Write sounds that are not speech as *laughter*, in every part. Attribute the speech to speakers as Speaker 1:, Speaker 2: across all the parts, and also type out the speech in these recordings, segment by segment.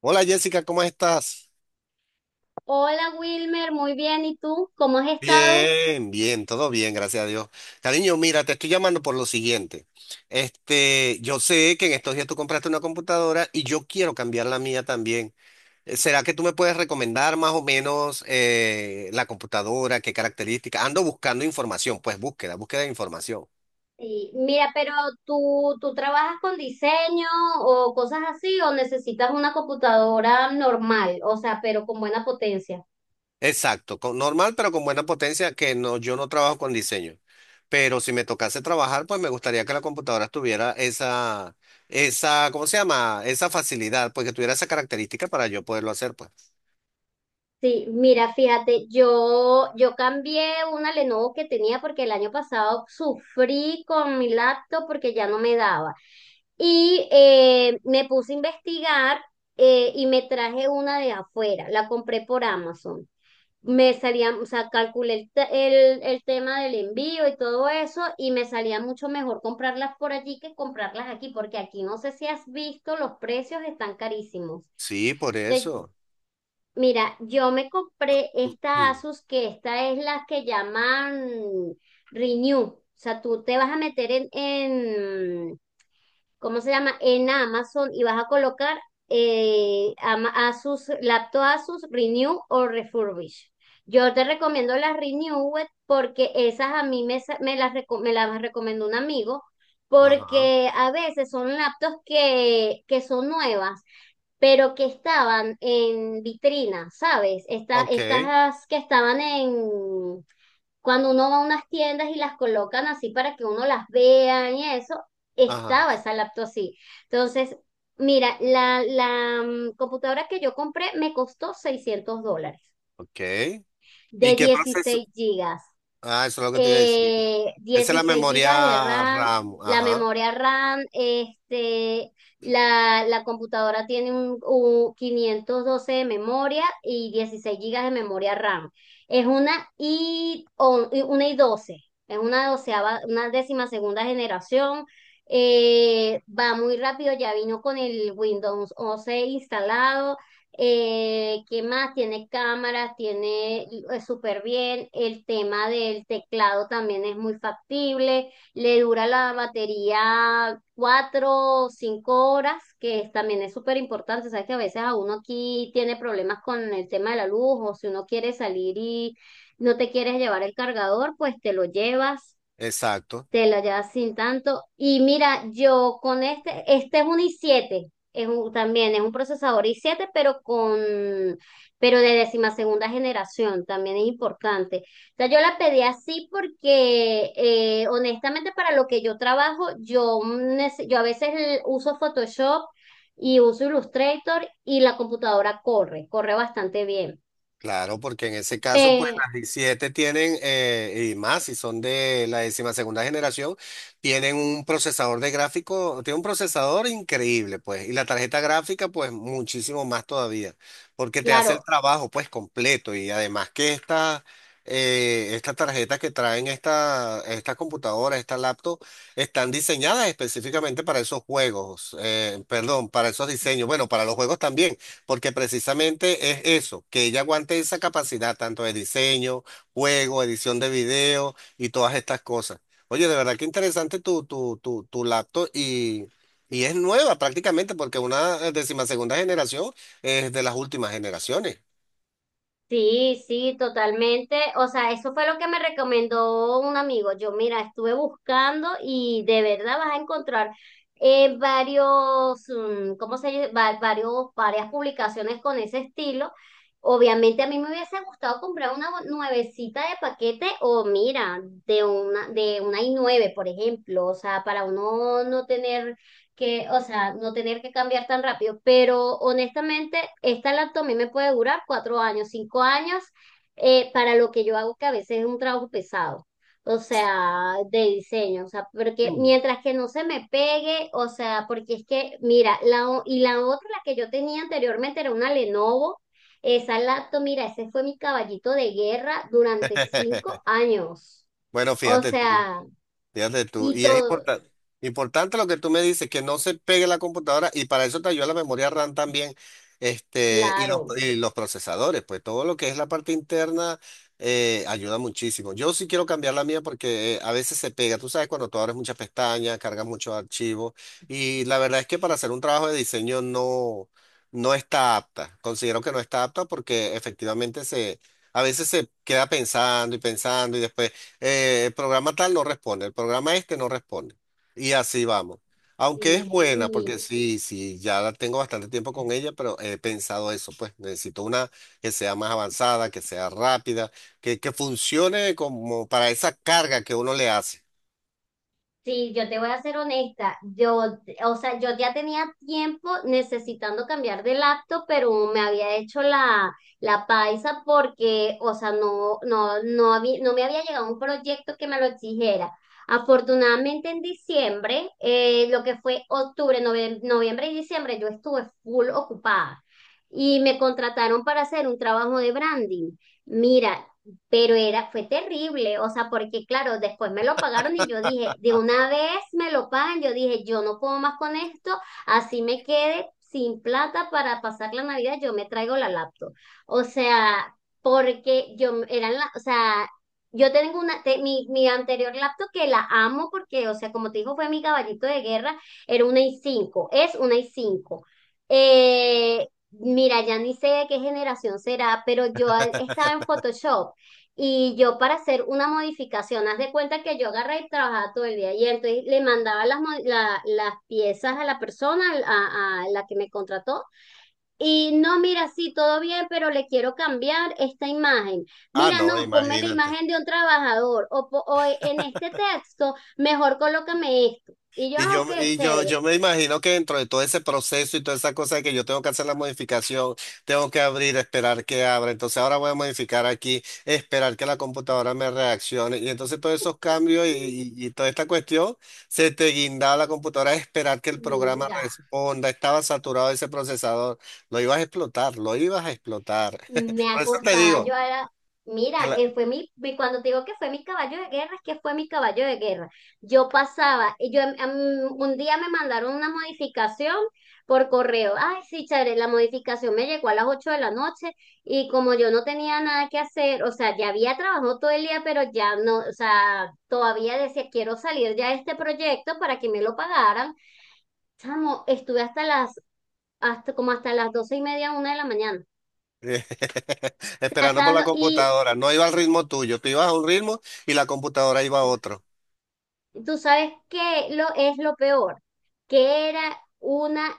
Speaker 1: Hola Jessica, ¿cómo estás?
Speaker 2: Hola Wilmer, muy bien. ¿Y tú? ¿Cómo has estado?
Speaker 1: Bien, bien, todo bien, gracias a Dios. Cariño, mira, te estoy llamando por lo siguiente. Yo sé que en estos días tú compraste una computadora y yo quiero cambiar la mía también. ¿Será que tú me puedes recomendar más o menos la computadora, qué características? Ando buscando información, pues búsqueda de información.
Speaker 2: Y mira, pero tú, ¿tú trabajas con diseño o cosas así, o necesitas una computadora normal, o sea, pero con buena potencia?
Speaker 1: Exacto, con, normal pero con buena potencia, que no, yo no trabajo con diseño. Pero si me tocase trabajar, pues me gustaría que la computadora tuviera esa, ¿cómo se llama? Esa facilidad, pues que tuviera esa característica para yo poderlo hacer, pues.
Speaker 2: Sí, mira, fíjate, yo cambié una Lenovo que tenía porque el año pasado sufrí con mi laptop porque ya no me daba. Y me puse a investigar y me traje una de afuera, la compré por Amazon. Me salía, o sea, calculé el tema del envío y todo eso, y me salía mucho mejor comprarlas por allí que comprarlas aquí, porque aquí, no sé si has visto, los precios están carísimos.
Speaker 1: Sí, por
Speaker 2: Entonces,
Speaker 1: eso.
Speaker 2: mira, yo me compré
Speaker 1: *clears throat*
Speaker 2: esta
Speaker 1: Ujú.
Speaker 2: Asus, que esta es la que llaman Renew. O sea, tú te vas a meter en, ¿cómo se llama?, en Amazon, y vas a colocar Asus, laptop Asus Renew o Refurbish. Yo te recomiendo las Renew porque esas a mí me las recomendó un amigo
Speaker 1: Ajá.
Speaker 2: porque a veces son laptops que son nuevas, pero que estaban en vitrina, ¿sabes?
Speaker 1: Ok.
Speaker 2: Estas que estaban en, cuando uno va a unas tiendas y las colocan así para que uno las vea y eso,
Speaker 1: Ajá.
Speaker 2: estaba esa laptop así. Entonces, mira, la computadora que yo compré me costó $600,
Speaker 1: Ok. ¿Y
Speaker 2: de
Speaker 1: qué proceso?
Speaker 2: 16 gigas,
Speaker 1: Ah, eso es lo que te iba a decir. Esa es la
Speaker 2: 16 gigas de
Speaker 1: memoria
Speaker 2: RAM,
Speaker 1: RAM.
Speaker 2: la
Speaker 1: Ajá.
Speaker 2: memoria RAM, este, la computadora tiene un 512 de memoria y 16 gigas de memoria RAM. Es una una i12, es una doceava, una décima segunda generación. Va muy rápido, ya vino con el Windows 11 instalado. ¿Qué más? Tiene cámaras, tiene súper bien. El tema del teclado también es muy factible. Le dura la batería cuatro o cinco horas, también es súper importante. Sabes que a veces a uno aquí tiene problemas con el tema de la luz, o si uno quiere salir y no te quieres llevar el cargador, pues te lo llevas.
Speaker 1: Exacto.
Speaker 2: Te la llevas sin tanto. Y mira, yo con este, este es un i siete, también es un procesador i siete pero de décima segunda generación, también es importante. O sea, yo la pedí así porque, honestamente, para lo que yo trabajo, yo a veces uso Photoshop y uso Illustrator, y la computadora corre, corre bastante bien.
Speaker 1: Claro, porque en ese caso, pues
Speaker 2: Pe-
Speaker 1: las 17 tienen, y más, si son de la décima segunda generación, tienen un procesador de gráfico, tiene un procesador increíble, pues, y la tarjeta gráfica, pues, muchísimo más todavía, porque te hace el
Speaker 2: claro.
Speaker 1: trabajo, pues, completo, y además que estas tarjetas que traen estas computadoras, estas laptop, están diseñadas específicamente para esos juegos, perdón, para esos diseños, bueno, para los juegos también porque precisamente es eso, que ella aguante esa capacidad tanto de diseño, juego, edición de video y todas estas cosas. Oye, de verdad que interesante tu laptop y es nueva prácticamente porque una décima segunda generación es de las últimas generaciones.
Speaker 2: Sí, sí, totalmente. O sea, eso fue lo que me recomendó un amigo. Yo, mira, estuve buscando y de verdad vas a encontrar ¿cómo se dice? Varias publicaciones con ese estilo. Obviamente a mí me hubiese gustado comprar una nuevecita de paquete, o mira, de una i nueve, por ejemplo. O sea, para uno no tener que, o sea, no tener que cambiar tan rápido, pero honestamente, esta laptop a mí me puede durar cuatro años, cinco años, para lo que yo hago, que a veces es un trabajo pesado, o sea, de diseño, o sea, porque
Speaker 1: Mm.
Speaker 2: mientras que no se me pegue, o sea, porque es que, mira, y la otra, la que yo tenía anteriormente, era una Lenovo, esa laptop, mira, ese fue mi caballito de guerra durante cinco
Speaker 1: *laughs*
Speaker 2: años,
Speaker 1: Bueno,
Speaker 2: o
Speaker 1: fíjate tú.
Speaker 2: sea,
Speaker 1: Fíjate tú,
Speaker 2: y
Speaker 1: y es
Speaker 2: todo,
Speaker 1: importante lo que tú me dices, que no se pegue la computadora y para eso te ayuda la memoria RAM también, y los,
Speaker 2: claro.
Speaker 1: y los procesadores, pues todo lo que es la parte interna ayuda muchísimo. Yo sí quiero cambiar la mía porque a veces se pega, tú sabes, cuando tú abres muchas pestañas, cargas muchos archivos y la verdad es que para hacer un trabajo de diseño no, no está apta, considero que no está apta porque efectivamente se... A veces se queda pensando y pensando y después el programa tal no responde, el programa este no responde. Y así vamos. Aunque es
Speaker 2: Sí,
Speaker 1: buena, porque
Speaker 2: mi,
Speaker 1: sí, sí, ya la tengo bastante tiempo con ella, pero he pensado eso, pues necesito una que sea más avanzada, que sea rápida, que funcione como para esa carga que uno le hace.
Speaker 2: Sí, yo te voy a ser honesta. O sea, yo ya tenía tiempo necesitando cambiar de laptop, pero me había hecho la paisa porque, o sea, no había, no me había llegado un proyecto que me lo exigiera. Afortunadamente en diciembre, lo que fue octubre, noviembre y diciembre, yo estuve full ocupada y me contrataron para hacer un trabajo de branding. Mira, pero era, fue terrible, o sea, porque claro, después me lo pagaron y yo dije, de una vez me lo pagan, yo dije, yo no puedo más con esto, así me quede sin plata para pasar la Navidad, yo me traigo la laptop. O sea, porque yo eran la, o sea, yo tengo una, mi anterior laptop que la amo porque, o sea, como te dijo, fue mi caballito de guerra, era una i cinco, es una i cinco. Eh, Mira, ya ni sé de qué generación será, pero yo estaba en Photoshop, y yo para hacer una modificación, haz de cuenta que yo agarré y trabajaba todo el día. Y entonces le mandaba las piezas a la persona, a la que me contrató. Y no, mira, sí, todo bien, pero le quiero cambiar esta imagen.
Speaker 1: Ah,
Speaker 2: Mira,
Speaker 1: no,
Speaker 2: no, ponme la
Speaker 1: imagínate.
Speaker 2: imagen de un trabajador. O, po- o e, En este texto, mejor colócame esto. Y yo,
Speaker 1: Y
Speaker 2: ah,
Speaker 1: yo,
Speaker 2: ok,
Speaker 1: y yo,
Speaker 2: chévere.
Speaker 1: yo me imagino que dentro de todo ese proceso y toda esa cosa de que yo tengo que hacer la modificación, tengo que abrir, esperar que abra. Entonces ahora voy a modificar aquí, esperar que la computadora me reaccione. Y entonces todos esos cambios y toda esta cuestión, se te guindaba la computadora, esperar que el programa
Speaker 2: Mira.
Speaker 1: responda. Estaba saturado ese procesador. Lo ibas a explotar, lo ibas a explotar.
Speaker 2: Me
Speaker 1: *laughs* Por eso te
Speaker 2: acostaba yo
Speaker 1: digo
Speaker 2: a
Speaker 1: que
Speaker 2: mira,
Speaker 1: la-
Speaker 2: fue mi, cuando te digo que fue mi caballo de guerra, es que fue mi caballo de guerra. Yo pasaba, y yo, un día me mandaron una modificación por correo. Ay, sí, chévere, la modificación me llegó a las 8 de la noche, y como yo no tenía nada que hacer, o sea, ya había trabajado todo el día, pero ya no, o sea, todavía decía, quiero salir ya de este proyecto para que me lo pagaran. Chamo, estuve hasta hasta como hasta las 12 y media, una de la mañana,
Speaker 1: *laughs* esperando por la
Speaker 2: tratando y...
Speaker 1: computadora, no iba al ritmo tuyo, tú ibas a un ritmo y la computadora iba a otro.
Speaker 2: Tú sabes qué es lo peor, que era una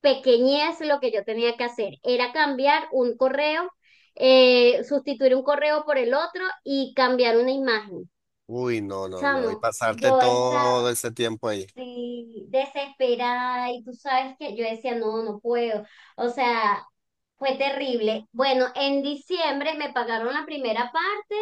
Speaker 2: pequeñez lo que yo tenía que hacer, era cambiar un correo, sustituir un correo por el otro y cambiar una imagen.
Speaker 1: Uy, no, no, no. Y
Speaker 2: Chamo,
Speaker 1: pasarte
Speaker 2: yo estaba,
Speaker 1: todo ese tiempo ahí.
Speaker 2: sí, desesperada, y tú sabes que yo decía, no, no puedo. O sea, fue terrible. Bueno, en diciembre me pagaron la primera parte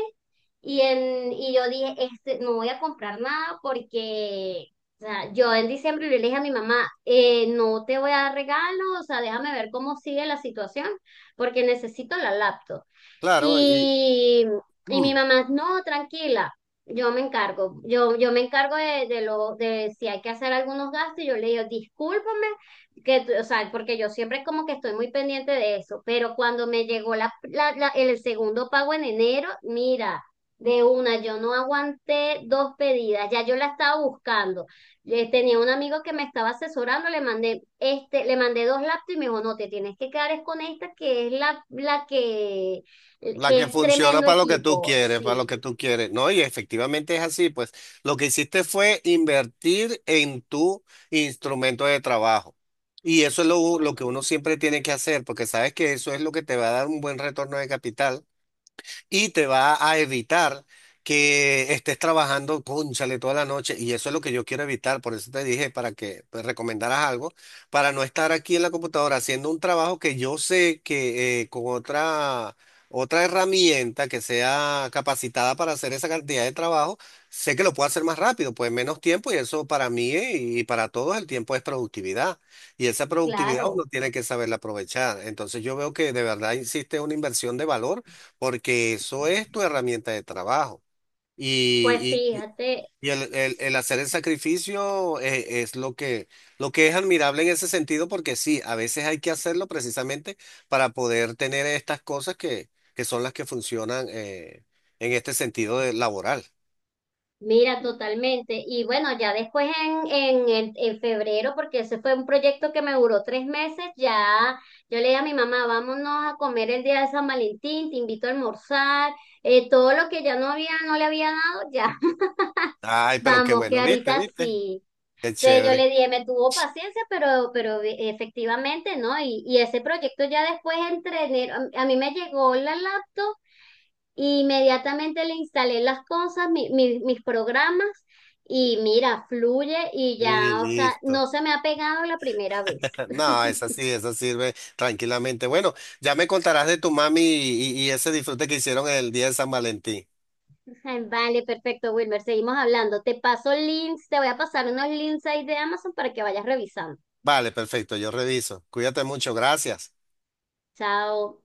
Speaker 2: y y yo dije, este, no voy a comprar nada porque, o sea, yo en diciembre le dije a mi mamá, no te voy a dar regalo, o sea, déjame ver cómo sigue la situación, porque necesito la laptop.
Speaker 1: Claro, y
Speaker 2: Y, y
Speaker 1: mm,
Speaker 2: mi mamá, no, tranquila, yo me encargo, yo me encargo de lo, de si hay que hacer algunos gastos, y yo le digo, discúlpame, o sea, porque yo siempre como que estoy muy pendiente de eso, pero cuando me llegó el segundo pago en enero, mira, de una, yo no aguanté dos pedidas, ya yo la estaba buscando. Tenía un amigo que me estaba asesorando, le mandé, este, le mandé dos laptops y me dijo, no, te tienes que quedar es con esta, que es la
Speaker 1: la
Speaker 2: que
Speaker 1: que
Speaker 2: es
Speaker 1: funciona
Speaker 2: tremendo
Speaker 1: para lo que tú
Speaker 2: equipo,
Speaker 1: quieres, para
Speaker 2: sí,
Speaker 1: lo que tú quieres. No, y efectivamente es así, pues lo que hiciste fue invertir en tu instrumento de trabajo. Y eso es lo que uno siempre tiene que hacer, porque sabes que eso es lo que te va a dar un buen retorno de capital. Y te va a evitar que estés trabajando, cónchale, toda la noche. Y eso es lo que yo quiero evitar. Por eso te dije para que pues, recomendaras algo, para no estar aquí en la computadora haciendo un trabajo que yo sé que con otra herramienta que sea capacitada para hacer esa cantidad de trabajo, sé que lo puedo hacer más rápido, pues menos tiempo. Y eso para mí y para todos el tiempo es productividad. Y esa productividad uno
Speaker 2: claro.
Speaker 1: tiene que saberla aprovechar. Entonces yo veo que de verdad existe una inversión de valor porque eso es tu herramienta de trabajo.
Speaker 2: Pues
Speaker 1: Y, y- y-
Speaker 2: fíjate,
Speaker 1: y el, el-
Speaker 2: s-
Speaker 1: el hacer el sacrificio es, lo que es admirable en ese sentido, porque sí, a veces hay que hacerlo precisamente para poder tener estas cosas que son las que funcionan en este sentido de- laboral.
Speaker 2: mira, totalmente. Y bueno, ya después en febrero, porque ese fue un proyecto que me duró tres meses, ya yo le dije a mi mamá, vámonos a comer el día de San Valentín, te invito a almorzar, todo lo que ya no había, no le había dado, ya. *laughs*
Speaker 1: Ay, pero qué
Speaker 2: Vamos, que
Speaker 1: bueno, viste,
Speaker 2: ahorita
Speaker 1: viste,
Speaker 2: sí.
Speaker 1: qué
Speaker 2: Entonces yo
Speaker 1: chévere.
Speaker 2: le dije, me tuvo paciencia, pero, efectivamente, ¿no? Y ese proyecto ya después entre enero, a mí me llegó la laptop, y inmediatamente le instalé las cosas, mis programas, y mira, fluye y ya,
Speaker 1: Y
Speaker 2: o sea,
Speaker 1: listo.
Speaker 2: no se me ha pegado la primera vez.
Speaker 1: *laughs* No, esa sí, esa sirve tranquilamente. Bueno, ya me contarás de tu mami y ese disfrute que hicieron el día de San Valentín.
Speaker 2: *laughs* Ay, vale, perfecto, Wilmer, seguimos hablando. Te paso links, te voy a pasar unos links ahí de Amazon para que vayas revisando.
Speaker 1: Vale, perfecto, yo reviso. Cuídate mucho, gracias.
Speaker 2: Chao.